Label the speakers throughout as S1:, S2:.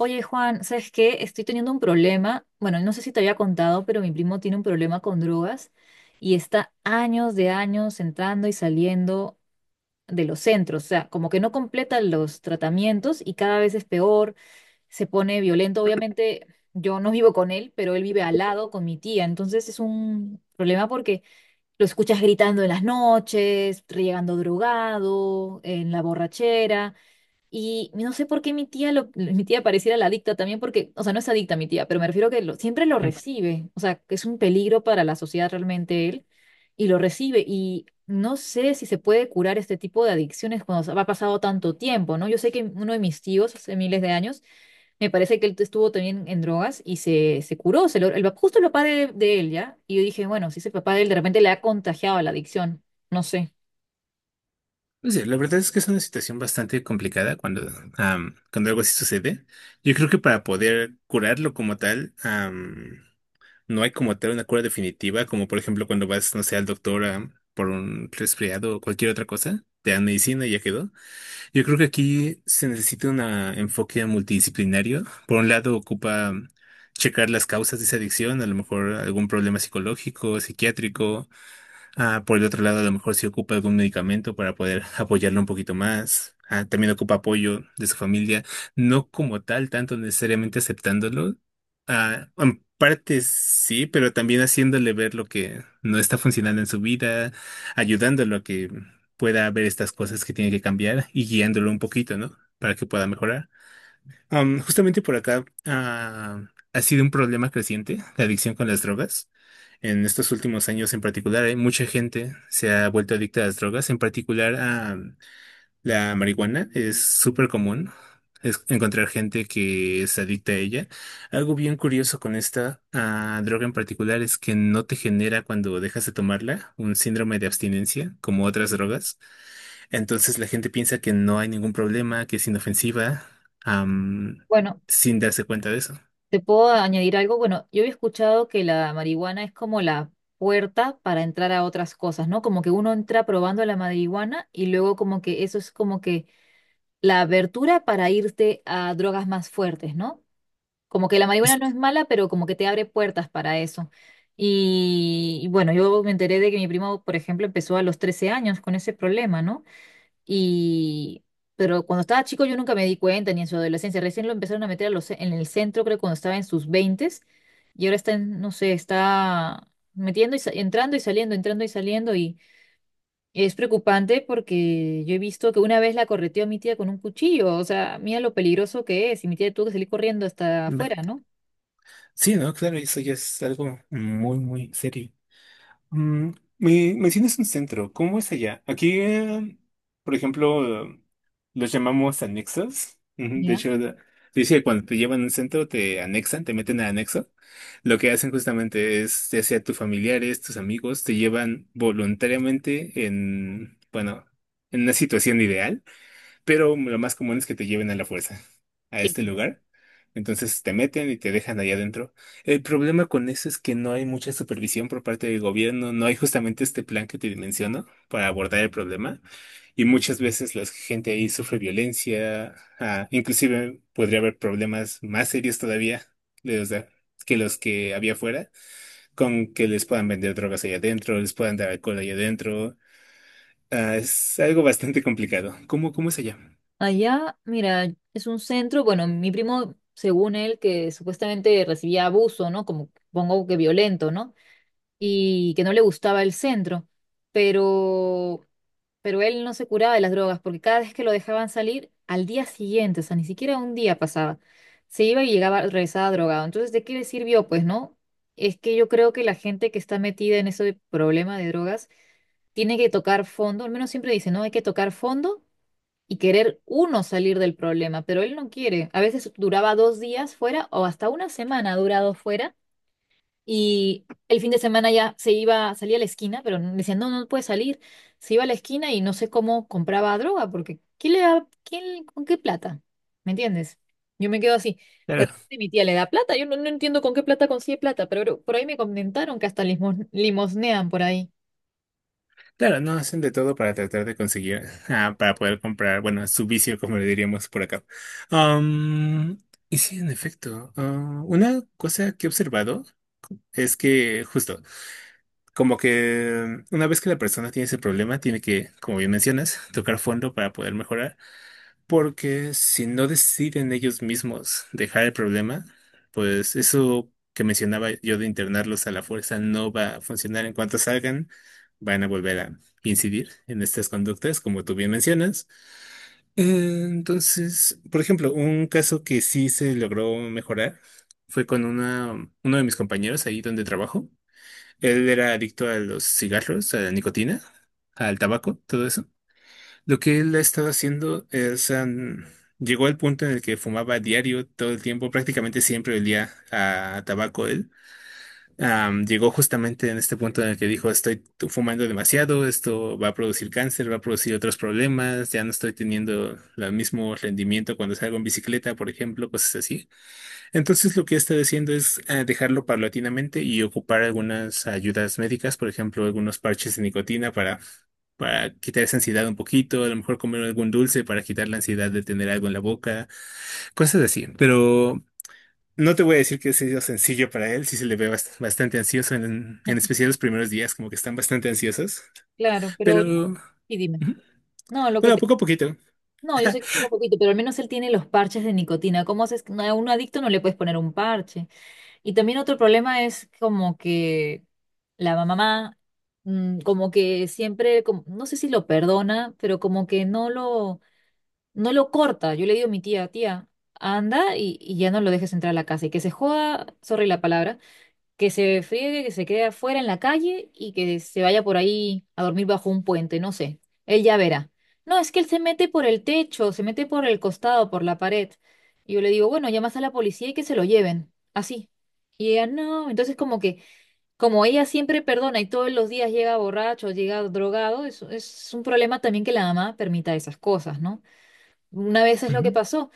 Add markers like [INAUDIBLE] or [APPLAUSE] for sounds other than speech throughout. S1: Oye, Juan, ¿sabes qué? Estoy teniendo un problema. Bueno, no sé si te había contado, pero mi primo tiene un problema con drogas y está años de años entrando y saliendo de los centros. O sea, como que no completa los tratamientos y cada vez es peor, se pone violento. Obviamente, yo no vivo con él, pero él vive al lado con mi tía. Entonces es un problema porque lo escuchas gritando en las noches, llegando drogado, en la borrachera. Y no sé por qué mi tía pareciera la adicta también, porque, o sea, no es adicta mi tía, pero me refiero que siempre lo
S2: Pues
S1: recibe, o sea, que es un peligro para la sociedad realmente él, y lo recibe. Y no sé si se puede curar este tipo de adicciones cuando ha pasado tanto tiempo, ¿no? Yo sé que uno de mis tíos, hace miles de años, me parece que él estuvo también en drogas y se curó, se lo- el, pap- justo el papá de él, ¿ya? Y yo dije, bueno, si ese papá de él de repente le ha contagiado la adicción, no sé.
S2: sí, la verdad es que es una situación bastante complicada cuando, cuando algo así sucede. Yo creo que para poder curarlo como tal, no hay como tal una cura definitiva, como por ejemplo cuando vas, no sé, al doctor por un resfriado o cualquier otra cosa, te dan medicina y ya quedó. Yo creo que aquí se necesita un enfoque multidisciplinario. Por un lado, ocupa checar las causas de esa adicción, a lo mejor algún problema psicológico, psiquiátrico. Por el otro lado, a lo mejor si ocupa algún medicamento para poder [LAUGHS] apoyarlo un poquito más. También ocupa apoyo de su familia, no como tal, tanto necesariamente aceptándolo. En parte sí, pero también haciéndole ver lo que no está funcionando en su vida, ayudándolo a que pueda ver estas cosas que tiene que cambiar y guiándolo un poquito, ¿no? Para que pueda mejorar. Justamente por acá ha sido un problema creciente la adicción con las drogas. En estos últimos años en particular, hay mucha gente se ha vuelto adicta a las drogas, en particular a la marihuana. Es súper común encontrar gente que es adicta a ella. Algo bien curioso con esta droga en particular es que no te genera cuando dejas de tomarla un síndrome de abstinencia como otras drogas. Entonces la gente piensa que no hay ningún problema, que es inofensiva, am,
S1: Bueno.
S2: sin darse cuenta de eso.
S1: ¿Te puedo añadir algo? Bueno, yo había escuchado que la marihuana es como la puerta para entrar a otras cosas, ¿no? Como que uno entra probando la marihuana y luego como que eso es como que la abertura para irte a drogas más fuertes, ¿no? Como que la marihuana no es mala, pero como que te abre puertas para eso. Y bueno, yo me enteré de que mi primo, por ejemplo, empezó a los 13 años con ese problema, ¿no? Y, pero cuando estaba chico yo nunca me di cuenta, ni en su adolescencia. Recién lo empezaron a meter en el centro, creo, cuando estaba en sus veintes. Y ahora está, en, no sé, está metiendo y entrando y saliendo, entrando y saliendo. Y es preocupante porque yo he visto que una vez la correteó a mi tía con un cuchillo. O sea, mira lo peligroso que es. Y mi tía tuvo que salir corriendo hasta
S2: ve-
S1: afuera, ¿no?
S2: Sí, ¿no? Claro, eso ya es algo muy, muy serio. Mm, me mencionas un centro, ¿cómo es allá? Aquí, por ejemplo, los llamamos anexos. Ujú. De
S1: ¿Ya?
S2: hecho, se dice que cuando te llevan a un centro te anexan, te meten a anexo. Lo que hacen justamente es, ya sea tus familiares, tus amigos, te llevan voluntariamente en, bueno, en una situación ideal, pero lo más común es que te lleven a la fuerza a
S1: Sí.
S2: este lugar. Entonces te meten y te dejan allá adentro. El problema con eso es que no hay mucha supervisión por parte del gobierno, no hay justamente este plan que te menciono para abordar el problema. Y muchas veces la gente ahí sufre violencia, inclusive podría haber problemas más serios todavía de los de- que los que había afuera, con que les puedan vender drogas allá adentro, les puedan dar alcohol allá adentro. Es algo bastante complicado. ¿Cómo, cómo es allá?
S1: Allá, mira, es un centro, bueno, mi primo, según él, que supuestamente recibía abuso, ¿no? Como pongo que violento, ¿no? Y que no le gustaba el centro, pero, pero él no se curaba de las drogas porque cada vez que lo dejaban salir, al día siguiente, o sea, ni siquiera un día pasaba, se iba y llegaba, regresaba drogado. Entonces, ¿de qué le sirvió? Pues no, es que yo creo que la gente que está metida en ese problema de drogas tiene que tocar fondo, al menos siempre dice, no, hay que tocar fondo. Y querer uno salir del problema, pero él no quiere. A veces duraba 2 días fuera o hasta una semana ha durado fuera y el fin de semana ya se iba, salía a la esquina, pero me decían, no, no puede salir. Se iba a la esquina y no sé cómo compraba droga, porque ¿quién le da, quién, con qué plata? ¿Me entiendes? Yo me quedo así. De repente mi tía le da plata, yo no, no entiendo con qué plata consigue plata, pero por ahí me comentaron que hasta limosnean por ahí.
S2: Claro, no, hacen de todo para tratar de conseguir, para poder comprar, bueno, su vicio, como le diríamos por acá. Am, y sí, en efecto, una cosa que he observado es que justo, como que una vez que la persona tiene ese problema, tiene que, como bien mencionas, tocar fondo para poder mejorar. Porque si no deciden ellos mismos dejar el problema, pues eso que mencionaba yo de internarlos a la fuerza no va a funcionar. En cuanto salgan, van a volver a incidir en estas conductas, como tú bien mencionas. Entonces, por ejemplo, un caso que sí se logró mejorar fue con una, uno de mis compañeros ahí donde trabajo. Él era adicto a los cigarros, a la nicotina, al tabaco, todo eso. Lo que él ha estado haciendo es, llegó al punto en el que fumaba diario todo el tiempo, prácticamente siempre olía a tabaco él. Llegó justamente en este punto en el que dijo, estoy fumando demasiado, esto va a producir cáncer, va a producir otros problemas, ya no estoy teniendo el mismo rendimiento cuando salgo en bicicleta, por ejemplo, cosas así. Entonces lo que está diciendo es dejarlo paulatinamente y ocupar algunas ayudas médicas, por ejemplo, algunos parches de nicotina para quitar esa ansiedad un poquito, a lo mejor comer algún dulce para quitar la ansiedad de tener algo en la boca, cosas así, ¿no? Pero no te voy a decir que sea sencillo para él, sí se le ve bastante ansioso, en
S1: [LAUGHS]
S2: especial los primeros días, como que están bastante ansiosos.
S1: Claro, pero
S2: Pero,
S1: yo, y dime.
S2: ujú,
S1: No, lo que
S2: bueno,
S1: te,
S2: poco a poquito.
S1: no, yo sé que poco a poquito, pero al menos él tiene los parches de nicotina. ¿Cómo haces? Que a un adicto no le puedes poner un parche. Y también otro problema es como que la mamá, mm, como que siempre, como- no sé si lo perdona, pero como que no lo, no lo corta. Yo le digo a mi tía, tía, anda y ya no lo dejes entrar a la casa y que se joda, sorry la palabra, que se friegue, que se quede afuera en la calle y que se vaya por ahí a dormir bajo un puente, no sé. Él ya verá. No, es que él se mete por el techo, se mete por el costado, por la pared. Y yo le digo, bueno, llamas a la policía y que se lo lleven. Así. Y ella, no. Entonces, como que, como ella siempre perdona y todos los días llega borracho, llega drogado, es un problema también que la mamá permita esas cosas, ¿no? Una vez es lo que
S2: Ujú.
S1: pasó,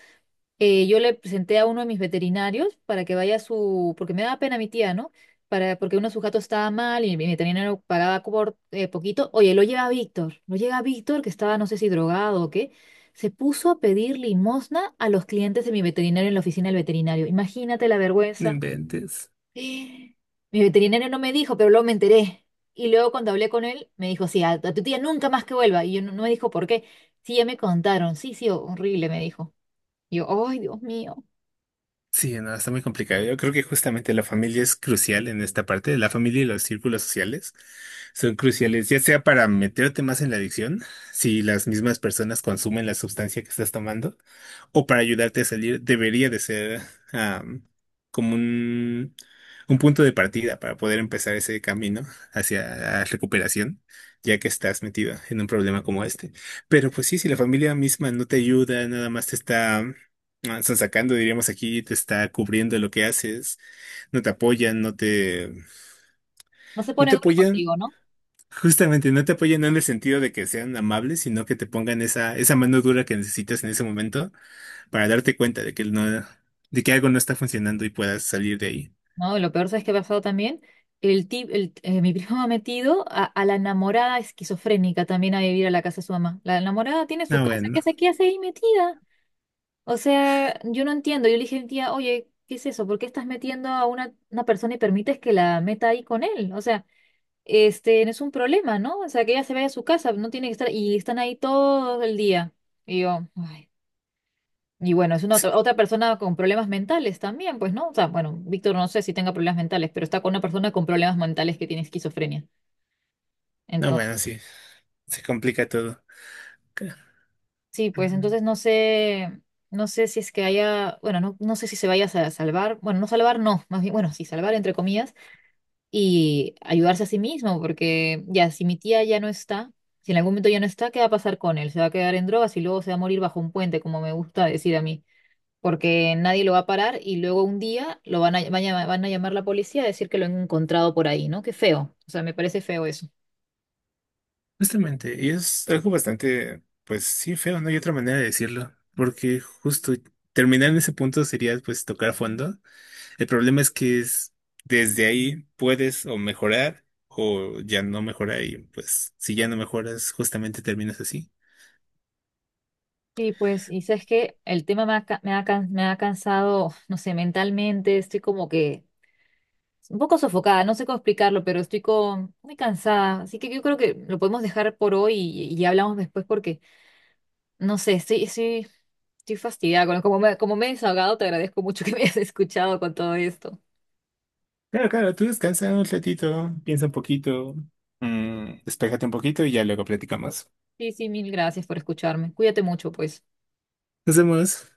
S1: yo le presenté a uno de mis veterinarios para que vaya a su, porque me daba pena mi tía, ¿no? Para, porque uno de sus gatos estaba mal y mi veterinario pagaba por, poquito. Oye, lo llega Víctor, que estaba no sé si drogado o qué, se puso a pedir limosna a los clientes de mi veterinario en la oficina del veterinario. Imagínate la
S2: No
S1: vergüenza.
S2: inventes.
S1: [GASPS] Mi veterinario no me dijo, pero luego me enteré. Y luego cuando hablé con él, me dijo, sí, a tu tía nunca más que vuelva. Y yo no me dijo por qué. Sí, ya me contaron. Sí, sí, horrible, me dijo. Y yo, ay, Dios mío.
S2: Sí, no, está muy complicado. Yo creo que justamente la familia es crucial en esta parte. La familia y los círculos sociales son cruciales, ya sea para meterte más en la adicción, si las mismas personas consumen la sustancia que estás tomando, o para ayudarte a salir. Debería de ser am, como un punto de partida para poder empezar ese camino hacia la recuperación, ya que estás metido en un problema como este. Pero pues sí, si la familia misma no te ayuda, nada más te está están sacando, diríamos aquí, te está cubriendo lo que haces, no te apoyan,
S1: No se
S2: no
S1: pone
S2: te
S1: duro
S2: apoyan,
S1: contigo, ¿no?
S2: justamente no te apoyan no en el sentido de que sean amables, sino que te pongan esa, esa mano dura que necesitas en ese momento para darte cuenta de que no, de que algo no está funcionando y puedas salir de ahí.
S1: No, lo peor es que ha pasado también. Mi primo ha metido a la enamorada esquizofrénica también a vivir a la casa de su mamá. La enamorada tiene su
S2: No,
S1: casa,
S2: bueno,
S1: qué hace ahí metida? O sea, yo no entiendo. Yo le dije a mi tía, oye, ¿qué es eso? ¿Por qué estás metiendo a una persona y permites que la meta ahí con él? O sea, este, no es un problema, ¿no? O sea, que ella se vaya a su casa, no tiene que estar, y están ahí todo el día. Y yo, ay. Y bueno, es una
S2: sí,
S1: otra persona con problemas mentales también, pues, ¿no? O sea, bueno, Víctor no sé si tenga problemas mentales, pero está con una persona con problemas mentales que tiene esquizofrenia.
S2: no,
S1: Entonces,
S2: bueno, sí, se complica todo. Ca-
S1: sí, pues
S2: Ujú.
S1: entonces no sé, no, sé si es que haya, bueno, no, no sé si se vaya a salvar, bueno, no salvar, no, más bien, bueno, sí, salvar entre comillas y ayudarse a sí mismo, porque ya, si mi tía ya no está, si en algún momento ya no está, ¿qué va a pasar con él? ¿Se va a quedar en drogas y luego se va a morir bajo un puente, como me gusta decir a mí? Porque nadie lo va a parar y luego un día lo van a llamar la policía a decir que lo han encontrado por ahí, ¿no? Qué feo, o sea, me parece feo eso.
S2: Justamente, y es algo bastante, pues sí, feo, no hay otra manera de decirlo, porque justo terminar en ese punto sería pues tocar fondo. El problema es que es desde ahí puedes o mejorar o ya no mejorar y pues si ya no mejoras justamente terminas así.
S1: Sí, pues, y sabes que el tema me ha cansado, no sé, mentalmente, estoy como que un poco sofocada, no sé cómo explicarlo, pero estoy muy cansada, así que yo creo que lo podemos dejar por hoy y hablamos después porque, no sé, estoy fastidiada, como me he desahogado, te agradezco mucho [LAUGHS] que me hayas escuchado con todo esto.
S2: Claro, claro, tú descansa un ratito, piensa un poquito, mm, despéjate un poquito y ya luego platicamos.
S1: Sí, sí, mil gracias por escucharme, cuídate mucho, pues.
S2: Nos vemos.